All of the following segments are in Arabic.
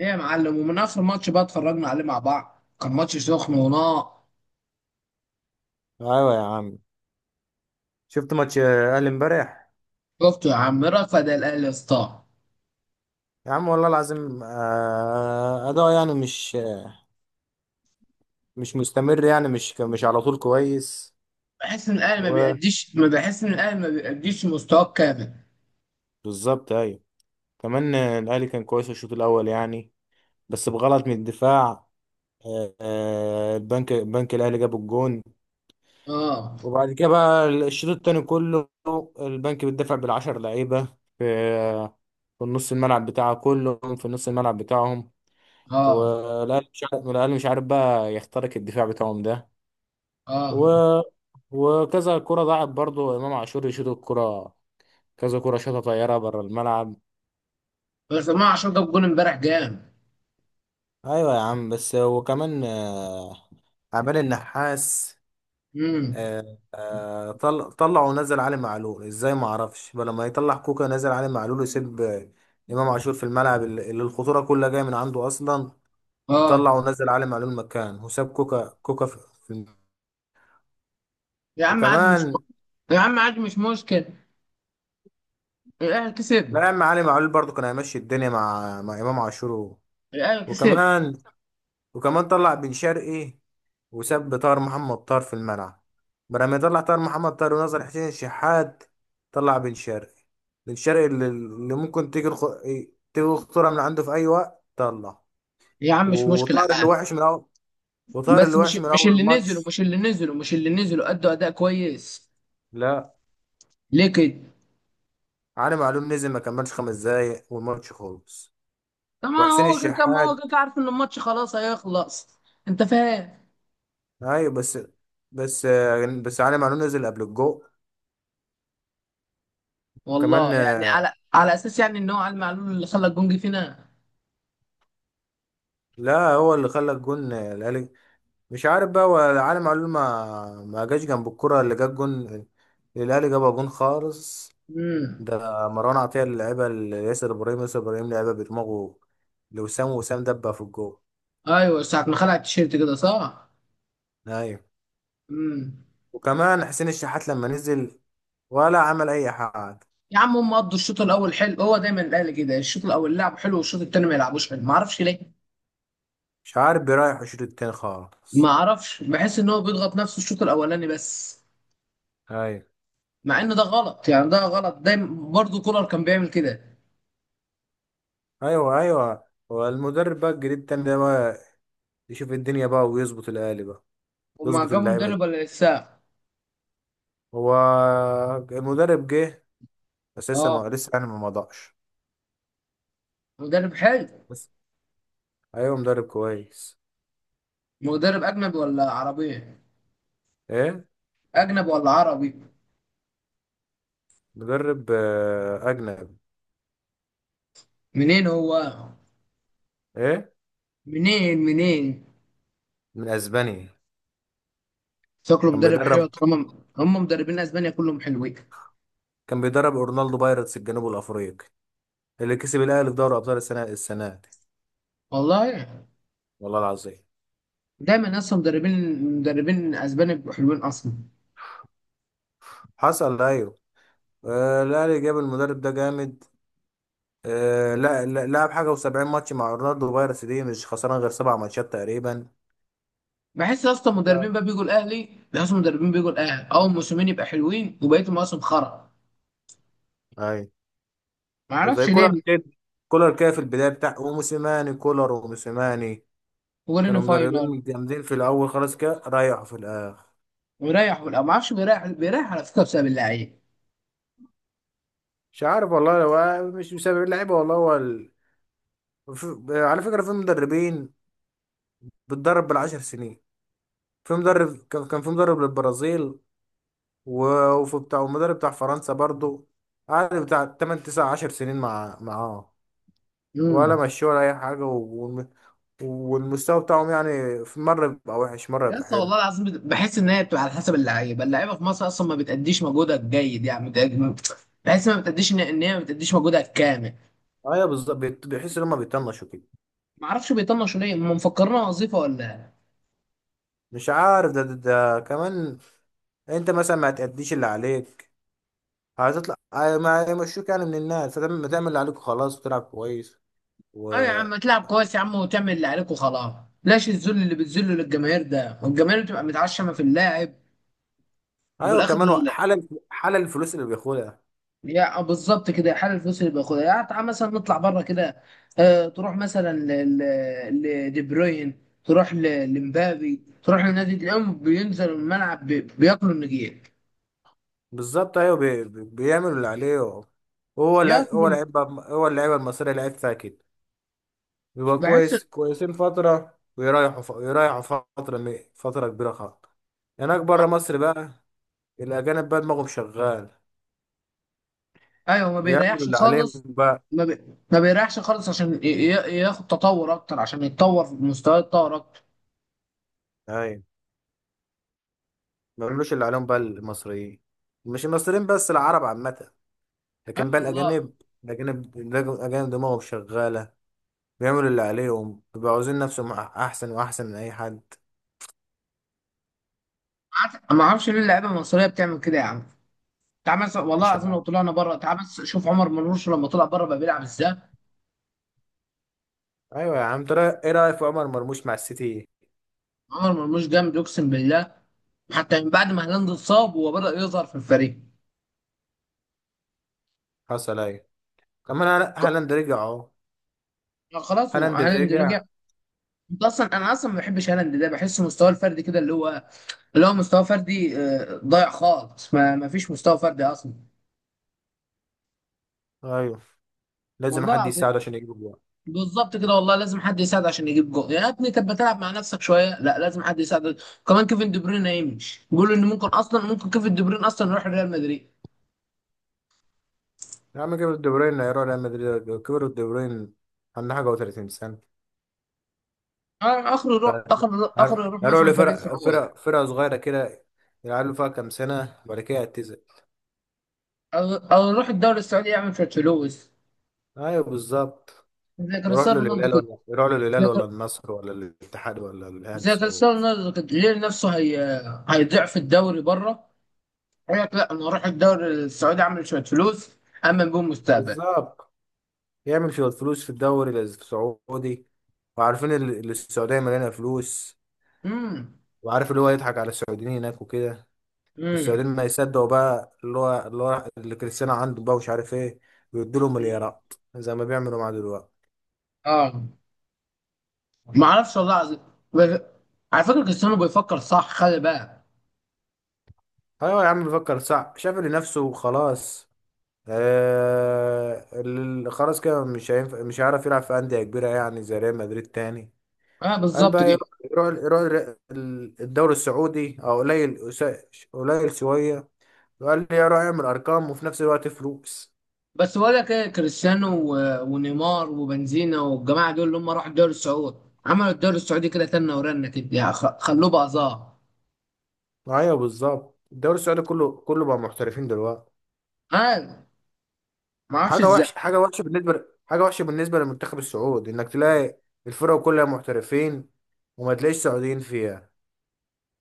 ايه يا معلم؟ ومن اخر ماتش بقى اتفرجنا عليه مع بعض، كان ماتش سخن ونار. ايوه يا عم. شفت ماتش الاهلي امبارح؟ شفته يا عم، رفض الاهلي يا اسطى. يا عم والله العظيم، اداء يعني مش مستمر، يعني مش على طول كويس بحس ان الاهلي ما و... بيأديش، ما بحس ان الاهلي ما بيأديش مستواه كامل. بالظبط ايوه. كمان، الاهلي كان كويس في الشوط الاول يعني، بس بغلط من الدفاع. البنك الاهلي جاب الجون، اه، وبعد كده بقى الشوط التاني كله البنك بيدافع بالعشر لعيبه في في النص الملعب بتاعه، كلهم في نص الملعب بتاعهم. اه، والأهلي مش عارف الأهلي مش عارف بقى يخترق الدفاع بتاعهم ده و... اه. وكذا كرة ضاعت، برضو إمام عاشور يشوط الكرة، كذا كرة شاطة طيارة بره الملعب. بس امام عاشور جاب جول امبارح جامد. ايوه يا عم، بس وكمان عمال النحاس. امم، طلع ونزل علي معلول ازاي؟ ما اعرفش. بل لما يطلع كوكا نزل علي معلول ويسيب امام عاشور في الملعب، اللي الخطوره كلها جايه من عنده اصلا. طلع اه. ونزل علي معلول مكان، وساب كوكا في في الم- يا عم عادي، مش وكمان. يا عم عادي مش مشكل. الاهلي لا كسب. يا عم علي معلول برضو كان هيمشي الدنيا مع امام عاشور. الاهلي كسب. وكمان، وكمان طلع بن شرقي وساب طاهر محمد طاهر في الملعب، بدل ما يطلع طاهر محمد طاهر ونظر حسين الشحات. طلع بن شرقي، بن شرقي اللي ممكن تيجي تيجي الخطوره من عنده في اي وقت طلع. يا عم مش مشكلة، وطاهر اللي عادي. وحش من اول وطاهر بس اللي وحش مش من مش اول الماتش. اللي نزلوا ادوا اداء كويس. لا، ليه كده؟ علي معلول نزل ما كملش 5 دقايق والماتش خلص. طبعا وحسين هو كده كان، ما هو كده الشحات. كده عارف ان الماتش خلاص هيخلص. انت فاهم؟ ايوه بس، بس علي معلول نزل قبل الجو. كمان، والله يعني على اساس يعني ان هو علي معلول اللي خلى الجونج فينا. لا هو اللي خلى الجون الاهلي. مش عارف بقى، هو علي معلول ما جاش جنب الكرة اللي جاب جون. الاهلي جابها جون خالص. امم. ده مروان عطية اللي لعبها لياسر ابراهيم، ياسر ابراهيم لعبها بدماغه لوسام، دبها في الجو. ايوه، ساعه ما خلع التيشيرت كده، صح. ايوه. امم. وكمان حسين الشحات لما نزل ولا عمل اي حاجة. يا عم هم قضوا الشوط الاول حلو، هو دايما الاهلي كده، الشوط الاول لعب حلو والشوط التاني ما يلعبوش حلو، ما اعرفش ليه. مش عارف، بيريح الشوط التاني ما خالص. اعرفش، بحس ان هو بيضغط نفسه الشوط الاولاني بس. ايوه، مع ان ده غلط يعني، ده غلط دايما برضه، كولر كان بيعمل كده. ايوه، ايوه. هو المدرب بقى الجديد التاني ده بقى يشوف الدنيا بقى ويظبط الاهلي بقى، وما يظبط جابوا اللعيبه دي. مدرب ولا لسه؟ هو المدرب جه بس لسه اه. ما لسه يعني ما مضاعش مدرب حلو. بس. ايوه مدرب كويس. مدرب أجنبي ولا عربي؟ ايه؟ أجنبي ولا عربي؟ مدرب اجنبي. منين هو؟ ايه؟ منين منين؟ من اسبانيا. شكله كان مدرب حلو بيدرب طالما. هم مدربين أسبانيا كلهم حلوين. كان بيدرب اورنالدو بايرتس الجنوب الافريقي، اللي كسب الاهلي في دوري ابطال السنه دي. والله والله العظيم. دايما أصلا مدربين، مدربين أسبانيا بيبقوا حلوين أصلا. حصل ايوه. آه، الاهلي جاب المدرب ده جامد. آه، لعب حاجه و70 ماتش مع اورنالدو بايرتس دي، مش خسران غير 7 ماتشات تقريبا. بحس أصلا مدربين ف- بقى بيجوا الأهلي، مدربين بيجوا الأهلي أول موسمين يبقى حلوين وبقيت المواسم خرا. اي. معرفش زي كولر ليه. كده، كولر كده في البدايه بتاع وموسيماني، كولر وموسيماني هو لنا كانوا فاينل. مدربين جامدين في الاول، خلاص كده ريحوا في الاخر. ويريح، ولا معرفش، بيريح على فكرة بسبب اللعيب. مش عارف والله، هو مش بسبب اللعيبه والله، هو على فكره في مدربين بتدرب بالعشر سنين. في مدرب كان في مدرب للبرازيل و... وفي بتاع ومدرب بتاع فرنسا برضو، قعد بتاع 8 9 10 سنين معاه ولا مشوه ولا اي حاجه، والم- والمستوى بتاعهم يعني في مره بيبقى وحش مره بيبقى يس حلو. والله العظيم، بحس ان هي بتبقى على حسب اللعيبه، اللعيبه في مصر اصلا ما بتأديش مجهودها الجيد يعني، بحس ما بتأديش، ان هي ما بتأديش مجهودها الكامل. ايوه بالظبط، بيحس ان هم بيطنشوا كده. ما اعرفش بيطنشوا ليه، هم مفكرينها وظيفه ولا إيه؟ مش عارف ده كمان. انت مثلا ما هتأديش اللي عليك، هتطلع ما يمشوك يعني من الناس، فتعمل، اللي عليك خلاص وتلعب كويس. و. اه يا عم تلعب كويس يا عم، وتعمل اللي عليك وخلاص. لاش الذل اللي بتذله للجماهير ده، والجماهير بتبقى متعشمه في اللاعب. وفي ايوه الاخر كمان، هو حلل، الفلوس اللي بياخدها. يعني بالظبط كده، حال الفلوس اللي بياخدها يعني. تعال مثلا نطلع بره كده، تروح مثلا لدي بروين، تروح لمبابي، تروح لنادي، تلاقيهم بينزلوا الملعب بياكلوا النجيل. بالظبط ايوه، بيعمل اللي عليه. هو بياكلوا. لعيب، هو اللعيبه المصريه لعيبتها كده. بيبقى بحس كويس كويسين فتره ويريحوا يريحوا فتره فتره كبيره خالص. هناك ما- بره مصر بقى الاجانب بقى دماغهم شغال، ايوه ما بيعملوا بيريحش اللي عليهم خالص. بقى. ما بيريحش خالص عشان ياخد تطور اكتر، عشان يتطور في مستواه يتطور اكتر. ايوه ما بيعملوش اللي عليهم بقى المصريين. مش المصريين بس، العرب عامة. اي لكن بقى والله. الأجانب، الأجانب دماغهم شغالة، بيعملوا اللي عليهم، بيبقوا عاوزين نفسهم أحسن وأحسن من أي حد. عارف، ما اعرفش ليه اللعيبه المصريه بتعمل كده يا عم. تعال مثلا والله مش العظيم عارف. لو طلعنا بره، تعال بس شوف عمر مرموش لما طلع بره بقى بيلعب ازاي. أيوة يا عم، ترى إيه رأيك في عمر مرموش مع السيتي؟ عمر مرموش جامد اقسم بالله. حتى من بعد ما هالاند اتصاب هو بدأ يظهر في الفريق. حصل أيوة. كمان ك- هالاند رجع أهو. خلاص، هو هالاند هالاند رجع. رجع. انت اصلا، انا اصلا ما بحبش هالاند ده، بحس مستواه الفردي كده، اللي هو اللي هو مستوى فردي ضايع خالص، ما فيش مستوى فردي اصلا. أيوه. لازم والله حد العظيم. يساعده عشان يجيب جوان. بالظبط كده والله، لازم حد يساعد عشان يجيب جول، يا ابني طب ما تلعب مع نفسك شويه، لا لازم حد يساعدك. كمان كيفن دي بروين هيمشي، بيقولوا ان ممكن اصلا، ممكن كيفن دي بروين اصلا يروح ريال مدريد. يا عم كبر الدبرين، يا ريال مدريد كبر الدبرين، عنده حاجة و30 سنة. اخره يروح، اخره يروح هروح مثلا فريق لفرق، سعودي. فرقة صغيرة كده، يلعبوا فيها كام سنة وبعد كده يعتزل. او يروح الدوري السعودي يعمل شويه فلوس، أيوه بالظبط. زي يروح له كريستيانو رونالدو الهلال، كده. ولا يروح له زي الهلال كر- ولا النصر ولا الاتحاد ولا الأهلي زي السعودي؟ كريستيانو رونالدو كده، ليه نفسه هي. هيضيع في الدوري بره. يقول لك لا، انا هروح الدوري السعودي اعمل شويه فلوس، امن بيهم مستقبل. بالظبط، يعمل شوية فلوس في الدوري السعودي. وعارفين السعودية مليانة فلوس. امم. وعارف اللي هو يضحك على السعوديين هناك وكده. امم. السعوديين ما يصدقوا بقى، اللي هو اللي كريستيانو عنده بقى ومش عارف ايه، ويدوا له مليارات زي ما بيعملوا معاه دلوقتي. اه. ما اعرفش والله العظيم. بس- على فكره كريستيانو بيفكر صح، خلي بالك. ايوه يا عم بفكر صح، شافل نفسه وخلاص. آه خلاص كده مش هينفع، مش هيعرف يلعب في أندية كبيرة يعني زي ريال مدريد تاني. اه قال بالظبط بقى كده. يروح، الدوري السعودي، او قليل قليل شوية، وقال لي يروح يعمل ارقام وفي نفس الوقت فلوس. بس بقول لك ايه، كريستيانو ونيمار وبنزينا والجماعه دول اللي هم راحوا الدوري السعودي، عملوا الدوري السعودي كده تنه ورنه كده يعني، خلوه بقى ظاهر. ايوه بالظبط، الدوري السعودي كله بقى محترفين دلوقتي. ما ما اعرفش حاجة ازاي. وحشة، حاجة وحشة بالنسبة للمنتخب السعودي، انك تلاقي الفرق كلها محترفين وما تلاقيش سعوديين فيها.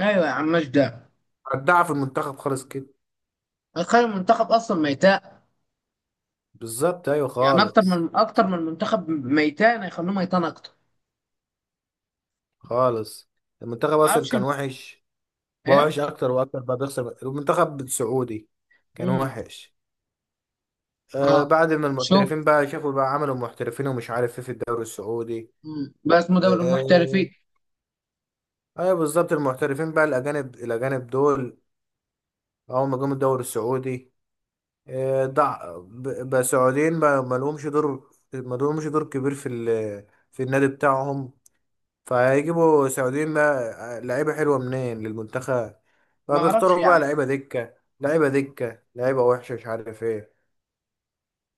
ايوه يا عم ماشي ده. ودعها في المنتخب خالص كده. هيخلي المنتخب اصلا ميتاء. بالظبط ايوه، يعني اكتر خالص. من، اكتر من المنتخب ميتان هيخلوه ميتان اكتر. خالص. المنتخب ما اصلا اعرفش كان وحش، بقى ايه. وحش اكتر واكتر بقى، بيخسر المنتخب السعودي. كان امم. وحش. آه اه. بعد ما شوف. المحترفين بقى شافوا بقى، عملوا محترفين ومش عارف ايه في الدوري السعودي. مم. بس اسمه دوري المحترفين. آه. ايوه بالظبط، المحترفين بقى الاجانب، دول اول ما جم الدوري السعودي، آه بقى سعوديين بقى ما لهمش دور، ما لهمش دور كبير في في النادي بتاعهم، فهيجيبوا سعوديين لا لعيبة حلوة منين للمنتخب، ما اعرفش فبيختاروا يا عم. بقى لعيبة دكة، لعيبة دكة لعيبة وحشة مش عارف ايه.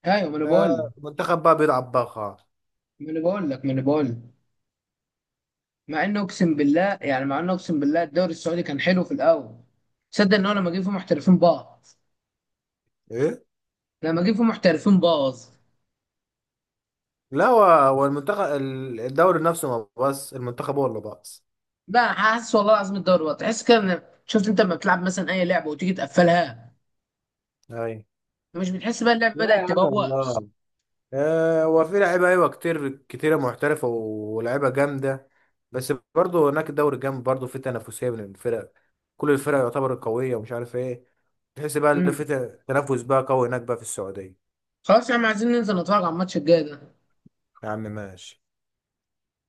ايوه ما انا بقول. آه، المنتخب بقى بيلعب بقى خالص. ما انا بقول لك. مع انه اقسم بالله يعني، مع انه اقسم بالله الدوري السعودي كان حلو في الاول. تصدق ان هو لما جه فيه محترفين باظ؟ ايه. لما جه فيه محترفين باظ. لا هو المنتخب الدوري نفسه، ما بس المنتخب هو اللي باص. لا حاسس والله العظيم الدوري باظ، تحس كده شفت انت لما بتلعب مثلا اي لعبه وتيجي تقفلها، اي. مش بتحس بقى اللعبة لا يا بدأت عم تبوخ؟ والله. آه، هو في لعيبة ايوه كتير، كتيرة محترفة ولعيبة جامدة، بس برضه هناك الدوري جامد برضه، في تنافسية بين الفرق، كل الفرق يعتبر قوية ومش عارف ايه. تحس بقى اللي امم. في تنافس بقى قوي هناك بقى في السعودية. خلاص يا عم، عايزين ننزل نتفرج على الماتش الجاي ده. يا عم ماشي.